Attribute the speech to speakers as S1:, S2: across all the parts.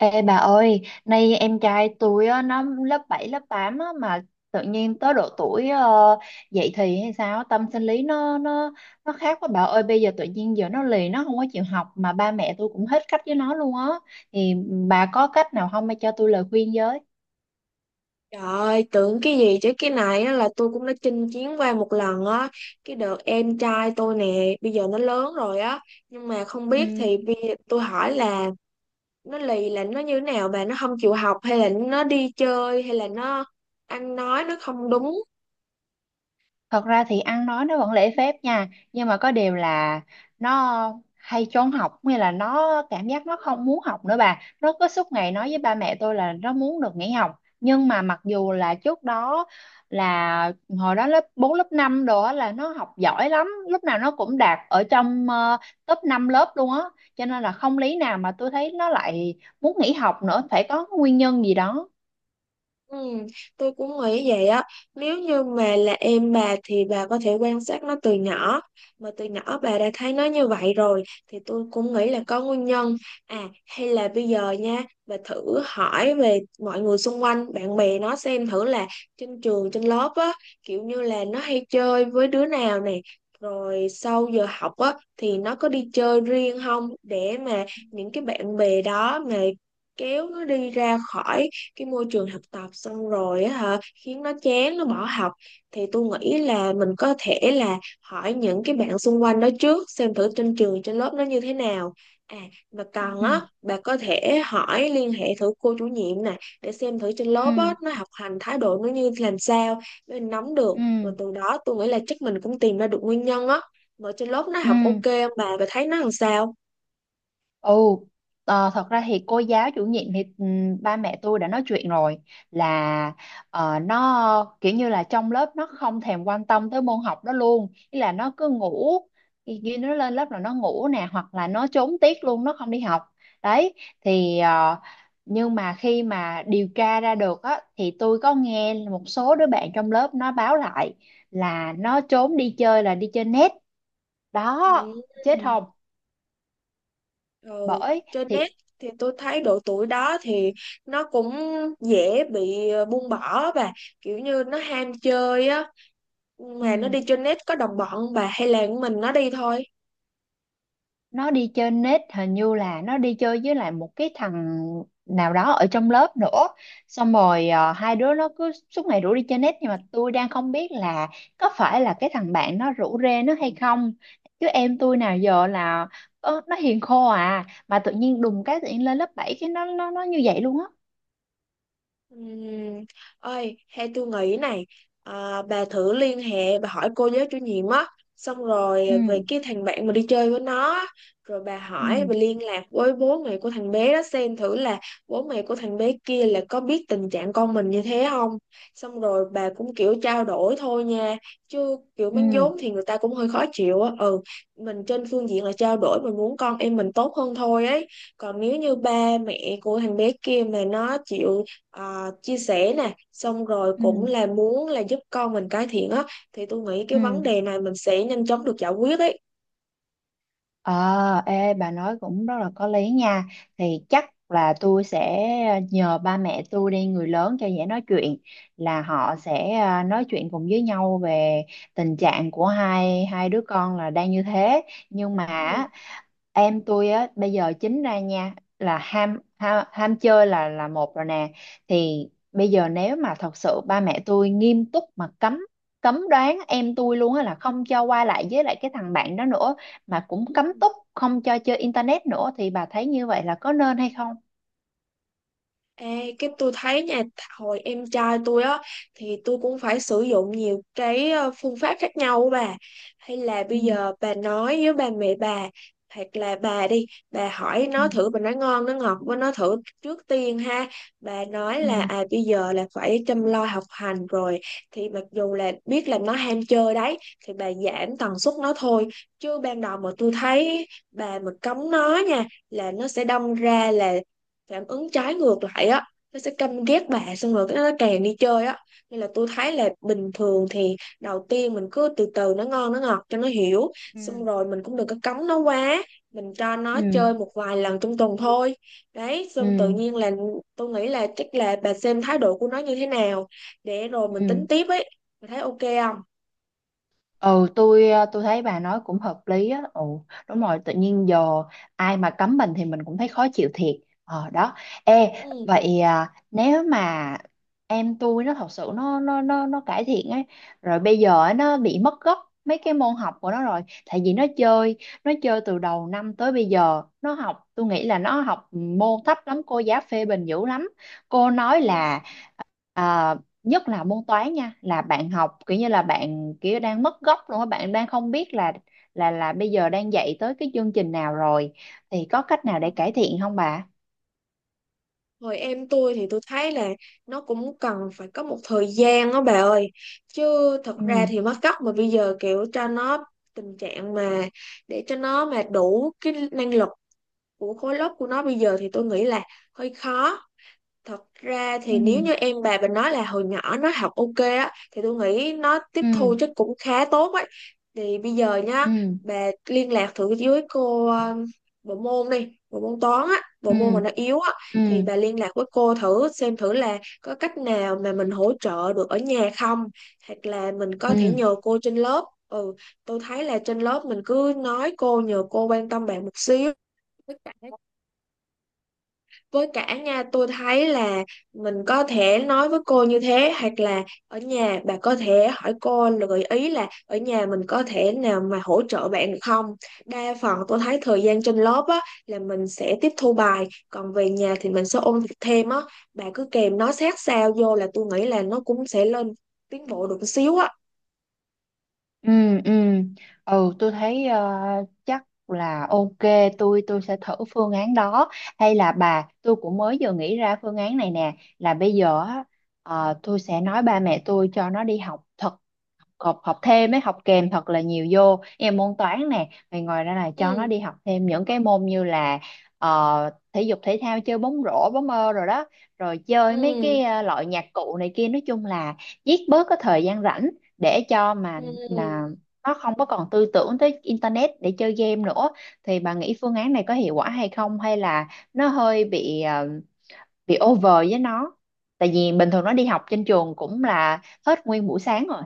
S1: Ê bà ơi, nay em trai tôi á, nó lớp 7 lớp 8 á, mà tự nhiên tới độ tuổi dậy thì hay sao, tâm sinh lý nó khác quá bà ơi. Bây giờ tự nhiên giờ nó lì, nó không có chịu học mà ba mẹ tôi cũng hết cách với nó luôn á, thì bà có cách nào không, hay cho tôi lời khuyên với.
S2: Trời ơi, tưởng cái gì chứ cái này á là tôi cũng đã chinh chiến qua một lần á. Cái đợt em trai tôi nè, bây giờ nó lớn rồi á. Nhưng mà không biết
S1: Ừ.
S2: thì bây giờ tôi hỏi là nó lì là nó như thế nào bà. Nó không chịu học hay là nó đi chơi hay là nó ăn nói nó không đúng?
S1: Thật ra thì ăn nói nó vẫn lễ phép nha. Nhưng mà có điều là nó hay trốn học. Nghĩa là nó cảm giác nó không muốn học nữa bà. Nó cứ suốt ngày nói với ba mẹ tôi là nó muốn được nghỉ học. Nhưng mà mặc dù là trước đó là hồi đó lớp 4 lớp 5 đồ á là nó học giỏi lắm. Lúc nào nó cũng đạt ở trong top 5 lớp luôn á. Cho nên là không lý nào mà tôi thấy nó lại muốn nghỉ học nữa. Phải có nguyên nhân gì đó.
S2: Ừ, tôi cũng nghĩ vậy á, nếu như mà là em bà thì bà có thể quan sát nó từ nhỏ, mà từ nhỏ bà đã thấy nó như vậy rồi thì tôi cũng nghĩ là có nguyên nhân. À hay là bây giờ nha, bà thử hỏi về mọi người xung quanh bạn bè nó xem thử là trên trường trên lớp á, kiểu như là nó hay chơi với đứa nào nè, rồi sau giờ học á thì nó có đi chơi riêng không, để mà những cái bạn bè đó mà kéo nó đi ra khỏi cái môi trường thực tập xong rồi á hả, khiến nó chán nó bỏ học. Thì tôi nghĩ là mình có thể là hỏi những cái bạn xung quanh đó trước xem thử trên trường trên lớp nó như thế nào. À mà còn
S1: Ừ.
S2: á, bà có thể hỏi liên hệ thử cô chủ nhiệm nè, để xem thử trên lớp á
S1: Ừ.
S2: nó học hành thái độ nó như làm sao, để mình nắm được, rồi
S1: Ừ.
S2: từ đó tôi nghĩ là chắc mình cũng tìm ra được nguyên nhân á. Mà trên lớp nó
S1: Ừ.
S2: học ok không bà, bà thấy nó làm sao?
S1: Ồ, thật ra thì cô giáo chủ nhiệm thì ba mẹ tôi đã nói chuyện rồi, là nó kiểu như là trong lớp nó không thèm quan tâm tới môn học đó luôn, ý là nó cứ ngủ, khi khi nó lên lớp là nó ngủ nè, hoặc là nó trốn tiết luôn, nó không đi học. Đấy, thì nhưng mà khi mà điều tra ra được á thì tôi có nghe một số đứa bạn trong lớp nó báo lại là nó trốn đi chơi, là đi chơi net. Đó, chết
S2: Ừ.
S1: không?
S2: Ừ,
S1: Bởi
S2: trên net
S1: thì
S2: thì tôi thấy độ tuổi đó thì nó cũng dễ bị buông bỏ và kiểu như nó ham chơi á. Mà nó
S1: ừ.
S2: đi trên net có đồng bọn không bà, hay là mình nó đi thôi?
S1: Nó đi chơi nết hình như là nó đi chơi với lại một cái thằng nào đó ở trong lớp nữa, xong rồi hai đứa nó cứ suốt ngày rủ đi chơi nết. Nhưng mà tôi đang không biết là có phải là cái thằng bạn nó rủ rê nó hay không, chứ em tôi nào giờ là nó hiền khô à, mà tự nhiên đùng cái, tự nhiên lên lớp 7 cái nó như vậy luôn á.
S2: Ừm, Ơi hay tôi nghĩ này, à, bà thử liên hệ bà hỏi cô giáo chủ nhiệm á, xong rồi về
S1: Ừ.
S2: cái thằng bạn mà đi chơi với nó á, rồi bà hỏi
S1: Ừ.
S2: bà liên lạc với bố mẹ của thằng bé đó xem thử là bố mẹ của thằng bé kia là có biết tình trạng con mình như thế không. Xong rồi bà cũng kiểu trao đổi thôi nha, chứ kiểu mắng
S1: Ừ.
S2: vốn thì người ta cũng hơi khó chịu á, ừ. Mình trên phương diện là trao đổi, mình muốn con em mình tốt hơn thôi ấy. Còn nếu như ba mẹ của thằng bé kia mà nó chịu chia sẻ nè, xong rồi cũng
S1: Ừ.
S2: là muốn là giúp con mình cải thiện á, thì tôi nghĩ cái vấn
S1: Ừ.
S2: đề này mình sẽ nhanh chóng được giải quyết ấy.
S1: Ờ, ê, bà nói cũng rất là có lý nha. Thì chắc là tôi sẽ nhờ ba mẹ tôi đi, người lớn cho dễ nói chuyện, là họ sẽ à, nói chuyện cùng với nhau về tình trạng của hai hai đứa con là đang như thế. Nhưng mà
S2: Ừ.
S1: á, em tôi á bây giờ chính ra nha là ham, ham, ham chơi là một rồi nè. Thì bây giờ nếu mà thật sự ba mẹ tôi nghiêm túc mà cấm, cấm đoán em tôi luôn á, là không cho qua lại với lại cái thằng bạn đó nữa, mà cũng cấm túc không cho chơi internet nữa, thì bà thấy như vậy là có nên hay không?
S2: Ê, cái tôi thấy nha, hồi em trai tôi á thì tôi cũng phải sử dụng nhiều cái phương pháp khác nhau á bà. Hay là
S1: Ừ,
S2: bây giờ bà nói với ba mẹ bà, hoặc là bà đi bà hỏi
S1: ừ,
S2: nó thử, bà nói ngon nó ngọt với nó thử trước tiên ha. Bà nói là
S1: ừ,
S2: à bây giờ là phải chăm lo học hành rồi, thì mặc dù là biết là nó ham chơi đấy thì bà giảm tần suất nó thôi. Chứ ban đầu mà tôi thấy bà mà cấm nó nha là nó sẽ đâm ra là phản ứng trái ngược lại á, nó sẽ căm ghét bà xong rồi cái nó càng đi chơi á. Nên là tôi thấy là bình thường thì đầu tiên mình cứ từ từ nó ngon nó ngọt cho nó hiểu,
S1: ừ.
S2: xong rồi mình cũng đừng có cấm nó quá, mình cho nó
S1: Ừ,
S2: chơi một vài lần trong tuần thôi. Đấy xong tự
S1: ừ,
S2: nhiên là tôi nghĩ là chắc là bà xem thái độ của nó như thế nào để rồi mình
S1: ừ.
S2: tính tiếp ấy. Bà thấy ok không?
S1: Ừ, tôi tôi thấy bà nói cũng hợp lý á. Ừ, đúng rồi, tự nhiên giờ ai mà cấm mình thì mình cũng thấy khó chịu thiệt. Ờ đó. Ê,
S2: Ừ.
S1: vậy à, nếu mà em tôi nó thật sự nó cải thiện ấy, rồi bây giờ ấy, nó bị mất gốc mấy cái môn học của nó rồi, tại vì nó chơi từ đầu năm tới bây giờ, nó học, tôi nghĩ là nó học môn thấp lắm, cô giáo phê bình dữ lắm. Cô nói là à, nhất là môn toán nha, là bạn học kiểu như là bạn kiểu đang mất gốc luôn á, bạn đang không biết là là bây giờ đang dạy tới cái chương trình nào rồi, thì có cách nào
S2: Ừ.
S1: để cải thiện không bà?
S2: Hồi em tôi thì tôi thấy là nó cũng cần phải có một thời gian đó bà ơi. Chứ thật ra
S1: Ừ.
S2: thì mất cấp mà bây giờ kiểu cho nó tình trạng mà để cho nó mà đủ cái năng lực của khối lớp của nó bây giờ thì tôi nghĩ là hơi khó. Thật ra
S1: Ừ.
S2: thì nếu như em bà mình nói là hồi nhỏ nó học ok á thì tôi nghĩ nó tiếp thu
S1: Ừ.
S2: chắc cũng khá tốt ấy. Thì bây giờ nhá,
S1: Ừ.
S2: bà liên lạc thử với cô bộ môn đi, bộ môn toán á, bộ
S1: Ừ.
S2: môn mà nó yếu á,
S1: Ừ.
S2: thì
S1: Ừ.
S2: bà liên lạc với cô thử xem thử là có cách nào mà mình hỗ trợ được ở nhà không, hoặc là mình có thể
S1: Ừ.
S2: nhờ cô trên lớp. Ừ, tôi thấy là trên lớp mình cứ nói cô nhờ cô quan tâm bạn một xíu. Với cả với cả nha tôi thấy là mình có thể nói với cô như thế, hoặc là ở nhà bà có thể hỏi cô là gợi ý là ở nhà mình có thể nào mà hỗ trợ bạn được không. Đa phần tôi thấy thời gian trên lớp á là mình sẽ tiếp thu bài, còn về nhà thì mình sẽ ôn việc thêm á, bà cứ kèm nó sát sao vô là tôi nghĩ là nó cũng sẽ lên tiến bộ được một xíu á.
S1: Ừ. Ừ. Ừ. tôi thấy chắc là ok, tôi sẽ thử phương án đó. Hay là bà, tôi cũng mới vừa nghĩ ra phương án này nè, là bây giờ á, tôi sẽ nói ba mẹ tôi cho nó đi học thật, học, học thêm ấy, học kèm thật là nhiều vô em môn toán nè, rồi ngoài ra là cho nó
S2: Ừ.
S1: đi học thêm những cái môn như là thể dục thể thao, chơi bóng rổ, bóng mơ rồi đó, rồi chơi mấy
S2: Ừ.
S1: cái loại nhạc cụ này kia, nói chung là giết bớt cái thời gian rảnh, để cho mà
S2: Ừ.
S1: là nó không có còn tư tưởng tới internet để chơi game nữa. Thì bà nghĩ phương án này có hiệu quả hay không, hay là nó hơi bị bị over với nó, tại vì bình thường nó đi học trên trường cũng là hết nguyên buổi sáng rồi.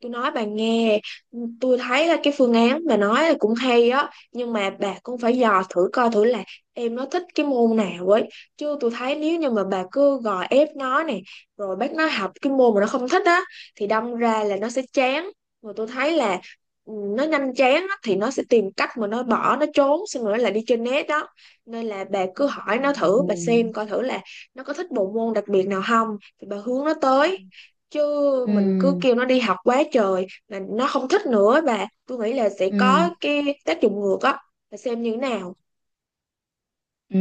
S2: Tôi nói bà nghe, tôi thấy là cái phương án bà nói là cũng hay á, nhưng mà bà cũng phải dò thử coi thử là em nó thích cái môn nào ấy. Chứ tôi thấy nếu như mà bà cứ gò ép nó này, rồi bắt nó học cái môn mà nó không thích á, thì đâm ra là nó sẽ chán. Mà tôi thấy là ừ, nó nhanh chán á, thì nó sẽ tìm cách mà nó bỏ, nó trốn, xong rồi nó lại đi trên net đó. Nên là bà cứ hỏi nó thử, bà xem
S1: Ừm.
S2: coi thử là nó có thích bộ môn đặc biệt nào không, thì bà hướng nó tới,
S1: Ừm.
S2: chứ mình cứ
S1: Ừm.
S2: kêu nó đi học quá trời mà nó không thích nữa bà, tôi nghĩ là sẽ
S1: Ừ, ừ.
S2: có cái tác dụng ngược á. Bà xem như thế nào?
S1: Ừ,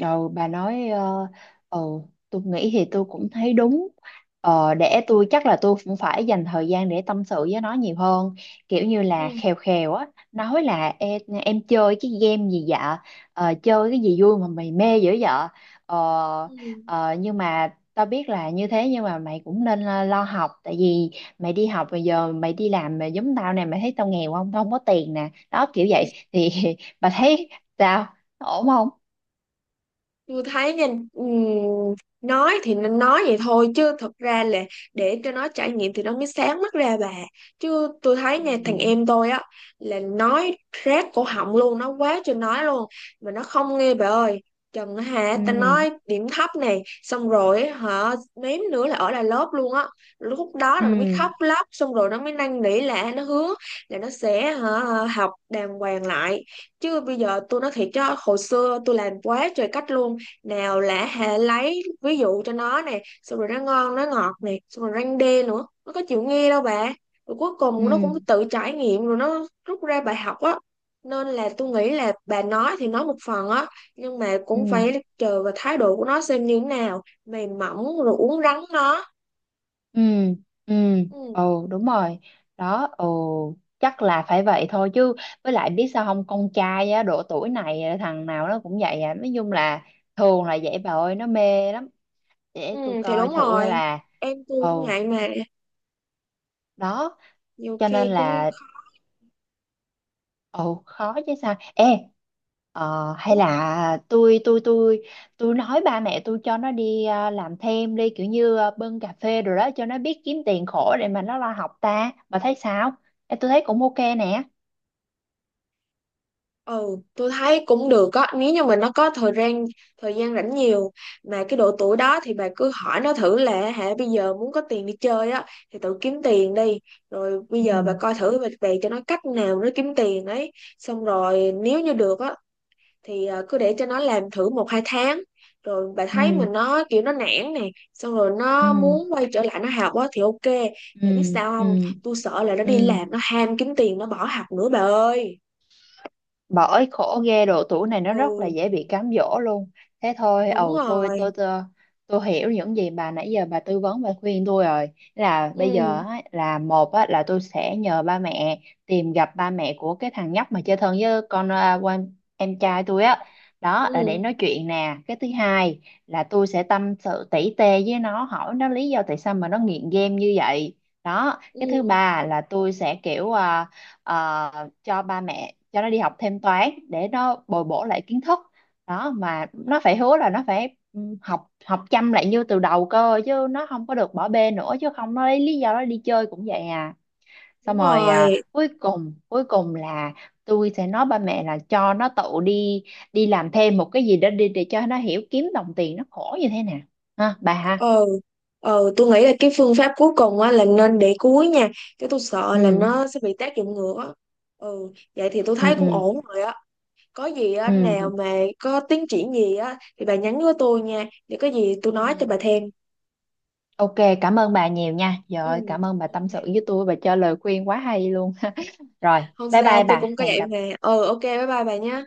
S1: ừ, bà nói ờ, ừ, tôi nghĩ thì tôi cũng thấy đúng. Ờ, để tôi, chắc là tôi cũng phải dành thời gian để tâm sự với nó nhiều hơn, kiểu như là
S2: Ừ.
S1: khèo khèo á, nói là em chơi cái game gì vậy? Ờ, chơi cái gì vui mà mày mê dữ vậy? ờ,
S2: Ừ.
S1: ờ, nhưng mà tao biết là như thế, nhưng mà mày cũng nên lo, lo học, tại vì mày đi học bây giờ, mày đi làm mà giống tao nè, mày thấy tao nghèo không, tao không có tiền nè, đó kiểu vậy thì bà thấy sao, ổn không?
S2: Tôi thấy nha, ừm, nói thì nên nói vậy thôi chứ thật ra là để cho nó trải nghiệm thì nó mới sáng mắt ra bà. Chứ tôi thấy nha thằng
S1: Ừ.
S2: em tôi á là nói rát cổ họng luôn, nó quá trời nói luôn mà nó không nghe bà ơi. Trần á hả, ta
S1: Ừ.
S2: nói điểm thấp này xong rồi á, hả, mém nữa là ở lại lớp luôn á. Lúc đó
S1: Ừ.
S2: là nó mới khóc lóc xong rồi nó mới năn nỉ là nó hứa là nó sẽ hả học đàng hoàng lại. Chứ bây giờ tôi nói thiệt chứ hồi xưa tôi làm quá trời cách luôn, nào là hệ lấy ví dụ cho nó nè, xong rồi nó ngon nó ngọt nè, xong rồi răng đê nữa, nó có chịu nghe đâu bà. Rồi cuối cùng nó
S1: Ừ.
S2: cũng tự trải nghiệm rồi nó rút ra bài học á. Nên là tôi nghĩ là bà nói thì nói một phần á, nhưng mà cũng
S1: Ừ.
S2: phải chờ vào thái độ của nó xem như thế nào, mềm mỏng rồi uốn rắn nó.
S1: Ừ. Ừ
S2: Ừ,
S1: ồ đúng rồi đó. Ồ chắc là phải vậy thôi chứ, với lại biết sao không, con trai á độ tuổi này á, thằng nào nó cũng vậy à, nói chung là thường là vậy bà ơi, nó mê lắm.
S2: ừ,
S1: Để tôi
S2: thì
S1: coi
S2: đúng
S1: thử, hay
S2: rồi,
S1: là
S2: em tôi cũng
S1: ồ
S2: ngại mà,
S1: đó
S2: nhiều
S1: cho nên
S2: khi cũng
S1: là ồ khó chứ sao. Ê, hay
S2: cũng
S1: là tôi tôi nói ba mẹ tôi cho nó đi làm thêm đi, kiểu như bưng cà phê rồi đó, cho nó biết kiếm tiền khổ để mà nó lo học ta, bà thấy sao? Ê, tôi thấy cũng ok nè.
S2: Ừ, tôi thấy cũng được á, nếu như mà nó có thời gian, thời gian rảnh nhiều, mà cái độ tuổi đó thì bà cứ hỏi nó thử là hả bây giờ muốn có tiền đi chơi á thì tự kiếm tiền đi. Rồi bây giờ bà
S1: Ừ.
S2: coi thử bà bày cho nó cách nào nó kiếm tiền ấy. Xong rồi nếu như được á thì à, cứ để cho nó làm thử một hai tháng. Rồi bà thấy
S1: Ừ.
S2: mình nó kiểu nó nản nè, xong rồi
S1: Ừ.
S2: nó muốn quay trở lại nó học á thì ok. Bà biết
S1: Ừ.
S2: sao không?
S1: Ừ.
S2: Tôi sợ là nó đi
S1: Ừ.
S2: làm nó ham kiếm tiền nó bỏ học nữa bà ơi.
S1: Bởi khổ ghê, độ tuổi này nó rất là
S2: Ừ,
S1: dễ bị cám dỗ luôn. Thế thôi,
S2: đúng
S1: ầu, tôi
S2: rồi.
S1: tôi tôi tôi hiểu những gì bà nãy giờ bà tư vấn và khuyên tôi rồi, là bây giờ
S2: Ừ.
S1: á, là một á, là tôi sẽ nhờ ba mẹ tìm gặp ba mẹ của cái thằng nhóc mà chơi thân với con à, quan- em trai tôi á, đó là để
S2: Ừ.
S1: nói chuyện nè. Cái thứ hai là tôi sẽ tâm sự tỉ tê với nó, hỏi nó lý do tại sao mà nó nghiện game như vậy. Đó, cái thứ
S2: Ừ,
S1: ba là tôi sẽ kiểu à, cho ba mẹ cho nó đi học thêm toán để nó bồi bổ lại kiến thức, đó, mà nó phải hứa là nó phải ừ, học, học chăm lại như từ đầu cơ, chứ nó không có được bỏ bê nữa, chứ không nó lấy lý do nó đi chơi cũng vậy à.
S2: đúng
S1: Xong rồi
S2: rồi.
S1: à, cuối cùng là tôi sẽ nói ba mẹ là cho nó tự đi, đi làm thêm một cái gì đó đi, để cho nó hiểu kiếm đồng tiền nó khổ như thế nào, ha bà ha.
S2: Ờ, ờ, tôi nghĩ là cái phương pháp cuối cùng á là nên để cuối nha, chứ tôi sợ là
S1: Ừ.
S2: nó sẽ bị tác dụng ngược á. Ừ, vậy thì tôi thấy
S1: Ừ.
S2: cũng
S1: Ừ.
S2: ổn rồi á. Có gì á nào
S1: Ừ.
S2: mà có tiến triển gì á thì bà nhắn với tôi nha, để có gì tôi nói cho
S1: Ừ.
S2: bà thêm.
S1: Ok, cảm ơn bà nhiều nha. Trời ơi,
S2: Ừ,
S1: cảm ơn bà
S2: ok.
S1: tâm sự với tôi và cho lời khuyên quá hay luôn. Rồi,
S2: Không
S1: bye
S2: sao,
S1: bye
S2: tôi
S1: bà,
S2: cũng có
S1: hẹn
S2: vậy mà.
S1: gặp
S2: Ừ, ok, bye bye bà nha.